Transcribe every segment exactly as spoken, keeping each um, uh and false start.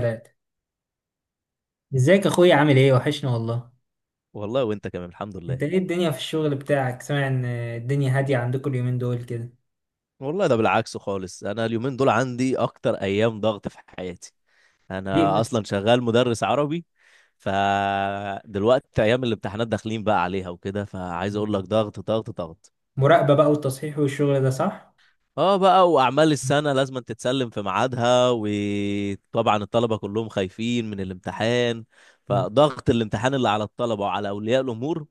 ثلاثة. ازيك اخويا، عامل ايه؟ وحشنا والله. والله وانت كمان، الحمد انت لله. ايه الدنيا في الشغل بتاعك؟ سامع ان الدنيا هادية عندكم اليومين دول كده. والله ده بالعكس خالص. انا اليومين دول عندي اكتر ايام ضغط في حياتي. انا ليه؟ اصلا شغال مدرس عربي. فدلوقتي ايام الامتحانات داخلين بقى عليها وكده، فعايز اقول لك ال- ضغط ضغط ضغط. مراقبة بقى والتصحيح والشغل ده، صح؟ اه بقى، واعمال السنة لازم تتسلم في ميعادها، وطبعا الطلبة كلهم خايفين من الامتحان. مم. فضغط الامتحان اللي على الطلبة وعلى اولياء الامور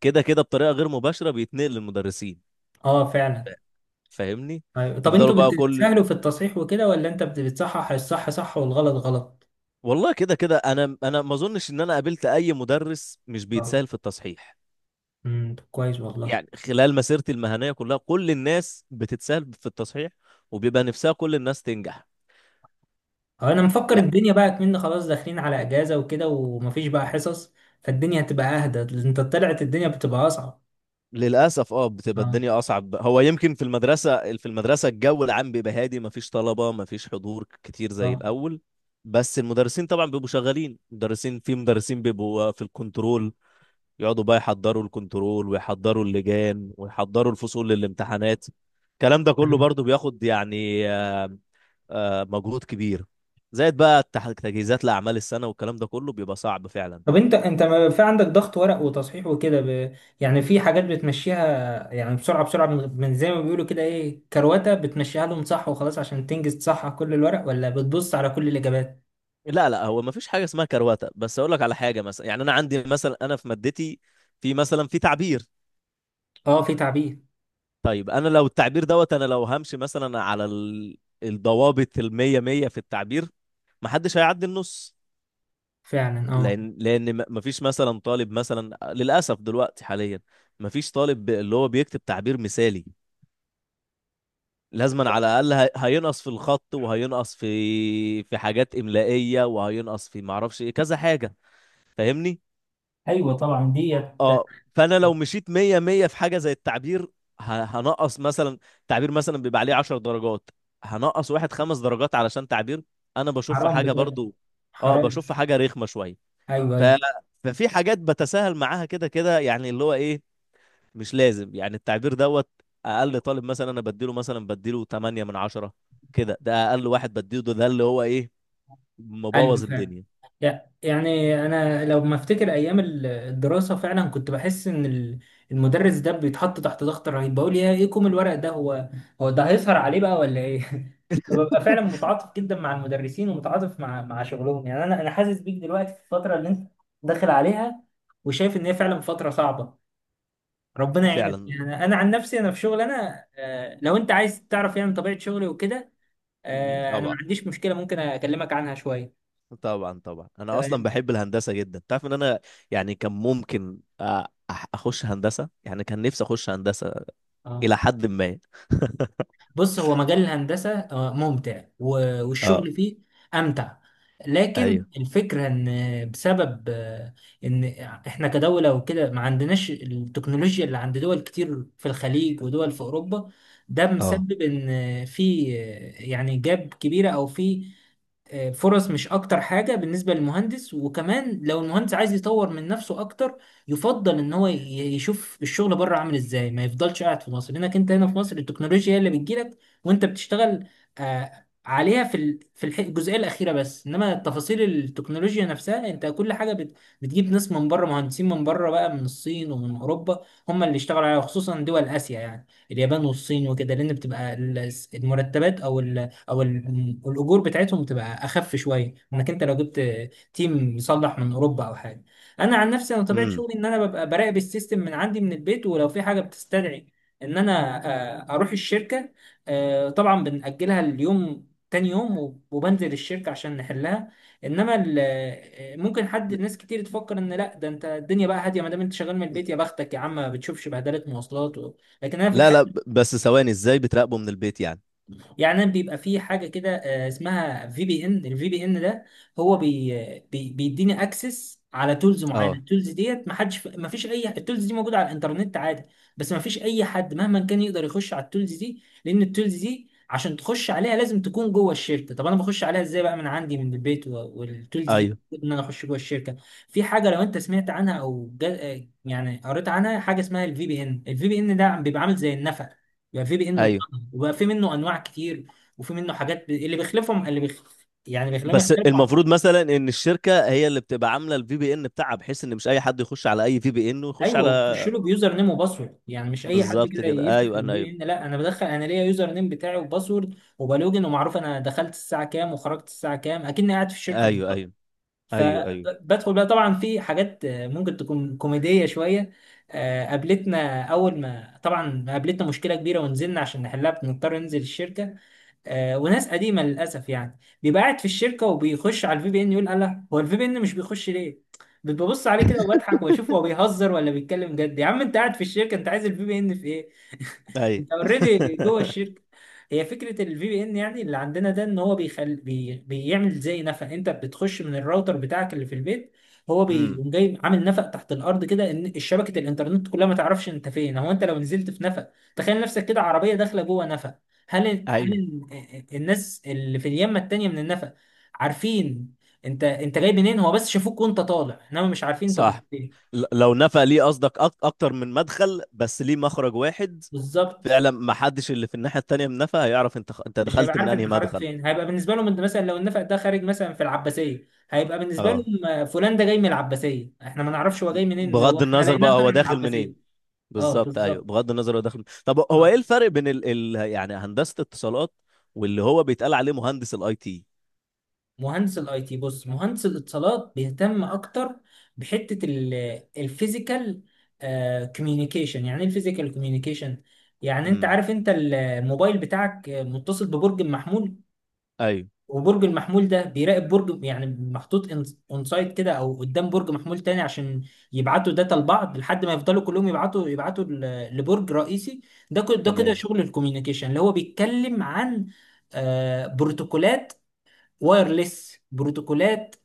كده كده بطريقة غير مباشرة بيتنقل للمدرسين. اه فعلا. فاهمني؟ أيوة. طب يفضلوا انتوا بقى بت- كل... بتسهلوا في التصحيح وكده، ولا انت بت- بتصحح الصح صح والغلط غلط؟ والله كده كده انا انا ما اظنش ان انا قابلت اي مدرس مش اه. بيتسال في التصحيح. امم طب كويس والله. يعني خلال مسيرتي المهنيه كلها كل الناس بتتسال في التصحيح، وبيبقى نفسها كل الناس تنجح. اه انا مفكر يعني الدنيا بقى كمان خلاص داخلين على اجازة وكده، ومفيش بقى حصص، فالدنيا هتبقى اهدى. انت طلعت الدنيا بتبقى اصعب. للاسف اه بتبقى اه. الدنيا اصعب. هو يمكن في المدرسه، في المدرسه الجو العام بيبقى هادي، ما فيش طلبه ما فيش حضور كتير زي اه الاول. بس المدرسين طبعا بيبقوا شغالين، مدرسين في مدرسين بيبقوا في الكنترول، يقعدوا بقى يحضروا الكنترول ويحضروا اللجان ويحضروا الفصول للامتحانات. الكلام ده كله برضو بياخد يعني آه، آه، مجهود كبير. زائد بقى التح- تجهيزات لأعمال السنة والكلام ده كله بيبقى صعب فعلا. طب انت انت ما في عندك ضغط ورق وتصحيح وكده ب... يعني في حاجات بتمشيها، يعني بسرعه بسرعه من... من زي ما بيقولوا كده ايه، كروته، بتمشيها لهم صح وخلاص عشان تنجز تصحح كل الورق، ولا بتبص على كل الاجابات؟ لا لا، هو ما فيش حاجة اسمها كرواتة، بس أقول لك على حاجة مثلا. يعني أنا عندي مثلا، أنا في مادتي في مثلا في تعبير. اه في تعبير. طيب أنا لو التعبير دوت، أنا لو همشي مثلا على ال- الضوابط المية مية في التعبير محدش هيعدي النص. فعلا اه. لان لان ما فيش مثلا طالب مثلا، للاسف دلوقتي حاليا ما فيش طالب ب- اللي هو بيكتب تعبير مثالي. لازما على الاقل هي- هينقص في الخط وهينقص في في حاجات املائيه وهينقص في معرفش ايه كذا حاجه. فاهمني؟ ايوه طبعا ديت. اه، فانا لو مشيت مية مية في حاجه زي التعبير ه- هنقص مثلا. تعبير مثلا بيبقى عليه 10 درجات، هنقص واحد خمس درجات علشان تعبير انا بشوف في حرام حاجه بجد، برضو. اه حرام. بشوف في حاجه رخمه شويه. ايوه ف... ايوه ففي حاجات بتساهل معاها كده كده، يعني اللي هو ايه، مش لازم يعني التعبير دوت. اقل طالب مثلا انا بديله مثلا بديله تمانية من عشرة. كده ده اقل واحد بديله ده, ده اللي هو ايه، ايوه مبوظ فعلا. الدنيا. لا يعني انا لو ما افتكر ايام ال- الدراسه، فعلا كنت بحس ان ال- المدرس ده بيتحط تحت ضغط رهيب، بقول يا ايه كوم الورق ده، هو هو ده هيسهر عليه بقى ولا ايه؟ فببقى فعلا متعاطف جدا مع المدرسين ومتعاطف مع مع شغلهم، يعني انا انا حاسس بيك دلوقتي في الفتره اللي انت داخل عليها، وشايف ان هي فعلا فتره صعبه. ربنا يعينك. فعلا. يعني انا عن نفسي انا في شغل، انا آه، لو انت عايز تعرف يعني طبيعه شغلي وكده، آه، انا ما طبعا، عنديش مشكله، ممكن اكلمك عنها شويه. طبعا طبعا انا اصلا تمام بحب الهندسه جدا. تعرف ان انا يعني كان ممكن أ- أح- اخش هندسه، يعني كان نفسي اخش هندسه اه. الى حد ما. بص هو مجال الهندسة آه، ممتع و- اه. والشغل فيه أمتع. لكن ايوه. الفكرة إن بسبب آه، إن إحنا كدولة وكده ما عندناش التكنولوجيا اللي عند دول كتير في الخليج ودول في أوروبا، ده اه. مسبب إن في آه، يعني جاب كبيرة أو في فرص، مش اكتر حاجة بالنسبة للمهندس. وكمان لو المهندس عايز يطور من نفسه اكتر، يفضل ان هو ي- يشوف الشغل بره عامل ازاي، ما يفضلش قاعد في مصر، لانك انت هنا في مصر التكنولوجيا هي اللي بتجيلك وانت بتشتغل آه، عليها في ال- في الح- الجزئية الأخيرة بس. إنما تفاصيل التكنولوجيا نفسها، أنت كل حاجة بت- بتجيب ناس من بره، مهندسين من بره بقى، من الصين ومن أوروبا، هم اللي اشتغلوا عليها، خصوصا دول آسيا يعني اليابان والصين وكده، لأن بتبقى ال- المرتبات أو او ال- الاجور بتاعتهم تبقى اخف شويه، انك انت لو جبت تيم مصلح من اوروبا او حاجه. انا عن نفسي انا طبيعه امم. شغلي ان انا ببقى براقب السيستم من عندي من البيت، ولو في حاجه بتستدعي ان انا آه، اروح الشركه، آه، طبعا بنأجلها اليوم تاني يوم، وب- وبنزل الشركه عشان نحلها. انما ال- آه، ممكن حد، ناس كتير تفكر ان لا ده انت الدنيا بقى هاديه ما دام انت شغال من البيت، يا بختك يا عم، ما بتشوفش بهدله مواصلات و... لكن انا في لا لا، الحقيقه، بس ثواني، ازاي بتراقبه من البيت يعني؟ يعني بيبقى في حاجه كده آه، اسمها في بي ان. الفي بي ان ده هو بي بي بيديني اكسس على تولز معينه. اه، التولز ديت ما حدش، ما فيش اي، التولز دي موجوده على الانترنت عادي، بس ما فيش اي حد مهما كان يقدر يخش على التولز دي، لان التولز دي عشان تخش عليها لازم تكون جوه الشركه. طب انا بخش عليها ازاي بقى من عندي من البيت و- والتولز دي ايوه ان انا اخش جوه الشركه؟ في حاجه لو انت سمعت عنها او جا- يعني قريت عنها، حاجه اسمها الفي بي ان. الفي بي ان ده بيبقى عامل زي النفق، يعني في بي ان ايوه. اتطرد وبقى في منه انواع كتير، وفي منه حاجات ب... اللي بيخلفهم اللي بيخ... يعني بيخليهم بس يختلفوا عن بعض. المفروض مثلا ان الشركه هي اللي بتبقى عامله الفي بي ان بتاعها، بحيث ان مش اي حد يخش على اي في بي ان ويخش ايوه، على... وتخش له بيوزر نيم وباسورد، يعني مش اي حد بالظبط كده كده، يفتح ايوه. انا البي ان، لا، انا بدخل، انا ليا يوزر نيم بتاعي وباسورد وبلوجن، ومعروف انا دخلت الساعه كام وخرجت الساعه كام، اكني قاعد في الشركه ايوه بالظبط. ايوه ايوه. ايوه ايوه فبدخل بقى. طبعا في حاجات آه، ممكن تكون كوميديه شويه، آه، قابلتنا اول ما طبعا قابلتنا مشكله كبيره ونزلنا عشان نحلها، بنضطر ننزل الشركه، آه، وناس قديمه للاسف يعني بيبقى قاعد في الشركه وبيخش على الفي بي ان، يقول الله، هو الفي بي ان مش بيخش ليه؟ ببص عليه كده وبضحك، واشوف هو بيهزر ولا بيتكلم جد، يا عم انت قاعد في الشركه، انت عايز الفي بي ان في ايه؟ ايوه. انت اوريدي جوه الشركه. هي فكره الفي بي ان يعني اللي عندنا ده، ان هو بيخل... بي... بيعمل زي نفق، انت بتخش من الراوتر بتاعك اللي في البيت، هو امم. بيقوم جاي عامل نفق تحت الارض كده، ان شبكه الانترنت كلها ما تعرفش انت فين. هو انت لو نزلت في نفق، تخيل نفسك كده عربيه داخله جوه نفق، هل هل ايوه. ال- الناس اللي في اليمه التانيه من النفق عارفين انت انت جاي منين؟ هو بس شافوك وانت طالع، انما مش عارفين انت كنت صح. فين ل- لو نفع ليه، قصدك أك- اكتر من مدخل بس ليه مخرج واحد؟ بالظبط. فعلا، ما حدش اللي في الناحيه التانيه من نفع هيعرف انت خ- انت مش هيبقى دخلت من عارف انهي انت خرجت مدخل. فين، هيبقى بالنسبه لهم انت، مثلا لو النفق ده خارج مثلا في العباسيه، هيبقى بالنسبه اه، لهم آه، فلان ده جاي من العباسيه، احنا ما نعرفش هو جاي منين، لو بغض احنا النظر لقيناه بقى طالع هو من داخل العباسيه. منين. اه بالظبط، ايوه بالظبط. بغض النظر هو داخل. طب هو ايه الفرق بين ال... ال... يعني هندسه اتصالات واللي هو بيتقال عليه مهندس الاي تي؟ مهندس الاي تي، بص، مهندس الاتصالات بيهتم اكتر بحته الفيزيكال كوميونيكيشن. يعني ايه الفيزيكال كوميونيكيشن؟ يعني انت امم. عارف انت ال- الموبايل بتاعك متصل ببرج محمول، ايوه. وبرج المحمول ده بيراقب برج، يعني محطوط اون سايد كده او قدام برج محمول تاني، عشان يبعتوا داتا لبعض لحد ما يفضلوا كلهم يبعتوا، يبعتوا ل- لبرج رئيسي. ده كده ده كده تمام. شغل الكوميونيكيشن، اللي هو بيتكلم عن آه، بروتوكولات، وايرلس بروتوكولات،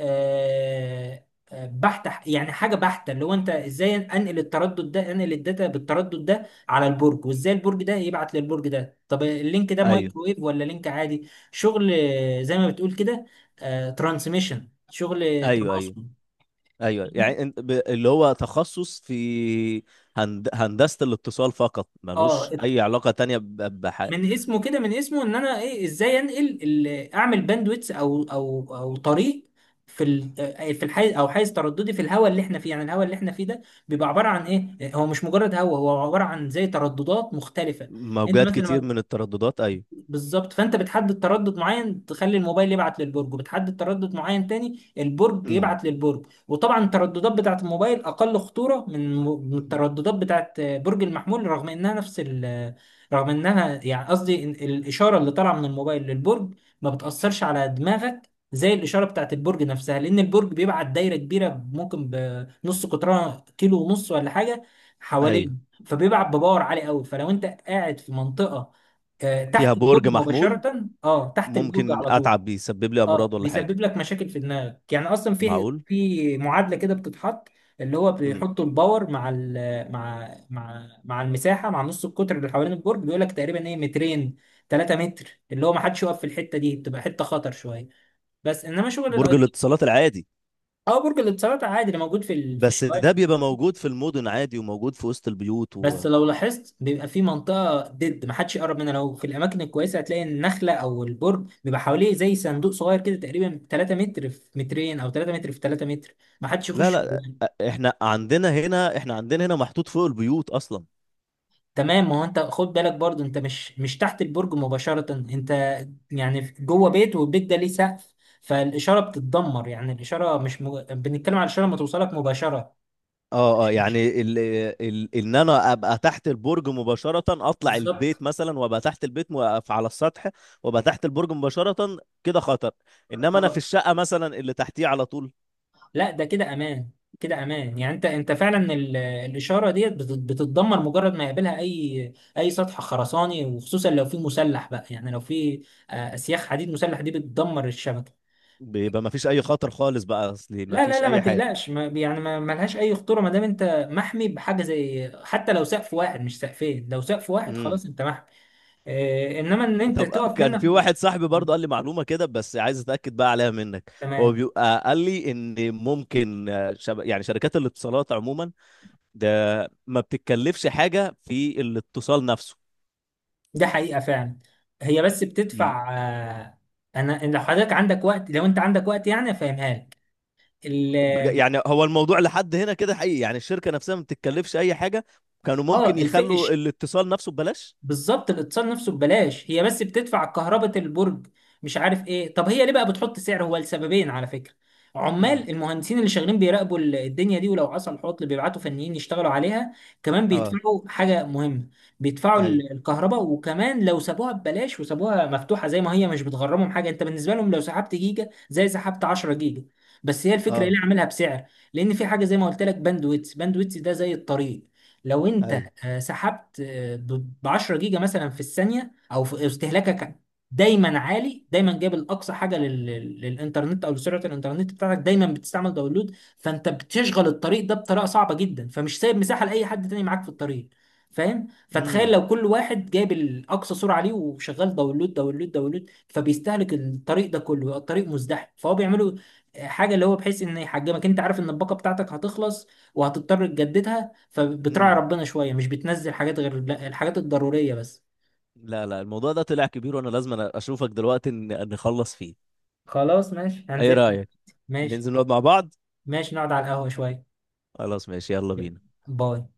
آه، آه، بحتة، يعني حاجة بحتة، اللي هو انت ازاي انقل التردد ده، انقل الداتا بالتردد ده على البرج، وازاي البرج ده يبعت للبرج ده، طب اللينك ده ايوه مايكرويف ولا لينك عادي، شغل آه، زي ما بتقول كده ترانسميشن، شغل ايوه ايوه تباصم. ايوه. فاهمني؟ يعني انت ب... اللي هو تخصص في هند... هندسه الاتصال فقط، اه. ملوش اي علاقه تانية ب... بح... من اسمه كده، من اسمه ان انا ايه، ازاي انقل ال- اعمل باندويتس او او او طريق في ال- آه، في الحيز، او حيز ترددي في الهواء اللي احنا فيه. يعني الهواء اللي احنا فيه ده بيبقى عباره عن ايه، هو مش مجرد هواء، هو عباره عن زي ترددات مختلفه. انت موجات مثلا كتير لما، من الترددات ايوه. بالظبط، فانت بتحدد تردد معين تخلي الموبايل يبعت للبرج، وبتحدد تردد معين تاني البرج امم. يبعت للبرج. وطبعا الترددات بتاعت الموبايل اقل خطورة من من الترددات بتاعت برج المحمول، رغم انها نفس ال، رغم انها، يعني قصدي إن الاشارة اللي طالعة من الموبايل للبرج ما بتأثرش على دماغك زي الإشارة بتاعت البرج نفسها، لأن البرج بيبعت دايرة كبيرة ممكن بنص قطرها كيلو ونص ولا حاجة ايوه. حوالين، فبيبعت بباور عالي قوي. فلو أنت قاعد في منطقة آه، فيها تحت برج البرج محمول مباشرة، اه تحت البرج ممكن على طول، اتعب، بيسبب لي امراض اه ولا حاجه؟ بيسبب لك مشاكل في دماغك. يعني اصلا في معقول. في معادلة كده بتتحط، اللي هو امم. بيحطوا الباور مع ال، مع مع مع المساحة، مع نص القطر اللي حوالين البرج، بيقول لك تقريبا ايه، مترين، تلات متر، اللي هو ما حدش يقف في الحتة دي، بتبقى حتة خطر شوية. بس انما شغل الاي برج تي، الاتصالات العادي؟ اه، برج الاتصالات عادي اللي موجود في ال- في بس الشوارع. ده بيبقى موجود في المدن عادي، وموجود في وسط البيوت و... بس لو لاحظت بيبقى في منطقة ضد محدش يقرب منها، لو في الأماكن الكويسة هتلاقي النخلة أو البرج بيبقى حواليه زي صندوق صغير كده، تقريبا تلات متر في مترين أو تلات متر في تلات متر، محدش لا يخش لا، جواه. احنا عندنا هنا، احنا عندنا هنا محطوط فوق البيوت اصلا. تمام. ما هو أنت خد بالك برضو، أنت مش مش تحت البرج مباشرة، أنت يعني جوه بيت، والبيت ده ليه سقف، فالإشارة بتتدمر. يعني الإشارة مش مج... بنتكلم على الإشارة ما توصلك مباشرة، اه اه، مش مش يعني ال... ال... ان انا ابقى تحت البرج مباشرة، اطلع بالظبط. البيت مثلا وابقى تحت البيت واقف على السطح وابقى تحت البرج مباشرة كده خطر، انما انا في اه. الشقة مثلا اللي تحتيه على طول لا ده كده امان. كده امان، يعني انت انت فعلا ال- الاشاره ديت بت- بتتدمر مجرد ما يقابلها اي اي سطح خرساني، وخصوصا لو في مسلح بقى، يعني لو في آه، اسياخ حديد مسلح دي بتدمر الشبكه. بيبقى ما فيش اي خطر خالص بقى اصلي، ما لا لا فيش لا ما اي تقلقش، ما يعني ما ما لهاش اي خطوره ما دام انت محمي بحاجه، زي حتى لو سقف واحد مش سقفين، لو سقف واحد حاجة. خلاص انت محمي. آه، انما ان انت طب آه، تقف كان منك، في واحد صاحبي برضه قال لي معلومة كده، بس عايز اتأكد بقى عليها منك. هو تمام. بيبقى قال لي ان ممكن آه، شب... يعني شركات الاتصالات عموما ده ما بتتكلفش حاجة في الاتصال نفسه. ده حقيقة فعلا. هي بس ي- بتدفع آه، انا، إن لو حضرتك عندك وقت، لو انت عندك وقت يعني افهمها لك ال- بج- يعني هو الموضوع لحد هنا كده حقيقي، يعني الشركة نفسها ما بتتكلفش اي حاجة؟ كانوا اه. ممكن يخلوا الفقش، الاتصال نفسه ببلاش. بالظبط، الاتصال نفسه ببلاش، هي بس بتدفع كهرباء البرج، مش عارف ايه. طب هي ليه بقى بتحط سعر؟ هو لسببين على فكرة: امم. عمال المهندسين اللي شغالين بيراقبوا ال- الدنيا دي، ولو حصل عطل بيبعتوا فنيين يشتغلوا عليها، كمان اه. بيدفعوا حاجة مهمة، بيدفعوا اي. ال- الكهرباء. وكمان لو سابوها ببلاش وسابوها مفتوحة زي ما هي، مش بتغرمهم حاجة، انت بالنسبة لهم لو سحبت جيجا زي سحبت عشرة جيجا. بس هي الفكرة ايه اه. اللي عاملها بسعر، لان في حاجة زي ما قلت لك، باندويتس، باندويتس ده زي الطريق، لو انت اي. آه، سحبت آه، ب عشرة جيجا مثلا في الثانيه، او في استهلاكك دايما عالي، دايما جايب الاقصى حاجه لل- لل- للانترنت او لسرعه الانترنت بتاعتك، دايما بتستعمل داونلود، فانت بتشغل الطريق ده بطريقه صعبه جدا، فمش سايب مساحه لاي حد تاني معاك في الطريق. فاهم؟ فتخيل امم. لو كل واحد جايب الاقصى سرعه ليه وشغال داونلود داونلود داونلود، فبيستهلك الطريق ده كله، يبقى الطريق مزدحم، فهو بيعملوا آه، حاجه اللي هو بحيث ان يحجمك، انت عارف ان الباقه بتاعتك هتخلص وهتضطر تجددها، فبتراعي امم. ربنا شوية، مش بتنزل حاجات غير لا، الحاجات الضرورية بس. لا لا، الموضوع ده طلع كبير، وانا لازم أنا اشوفك دلوقتي ن- نخلص فيه. خلاص ماشي ايه هنزل. رأيك ماشي. ننزل نقعد مع بعض؟ ماشي نقعد على القهوة شوية. خلاص ماشي، يلا بينا. باي.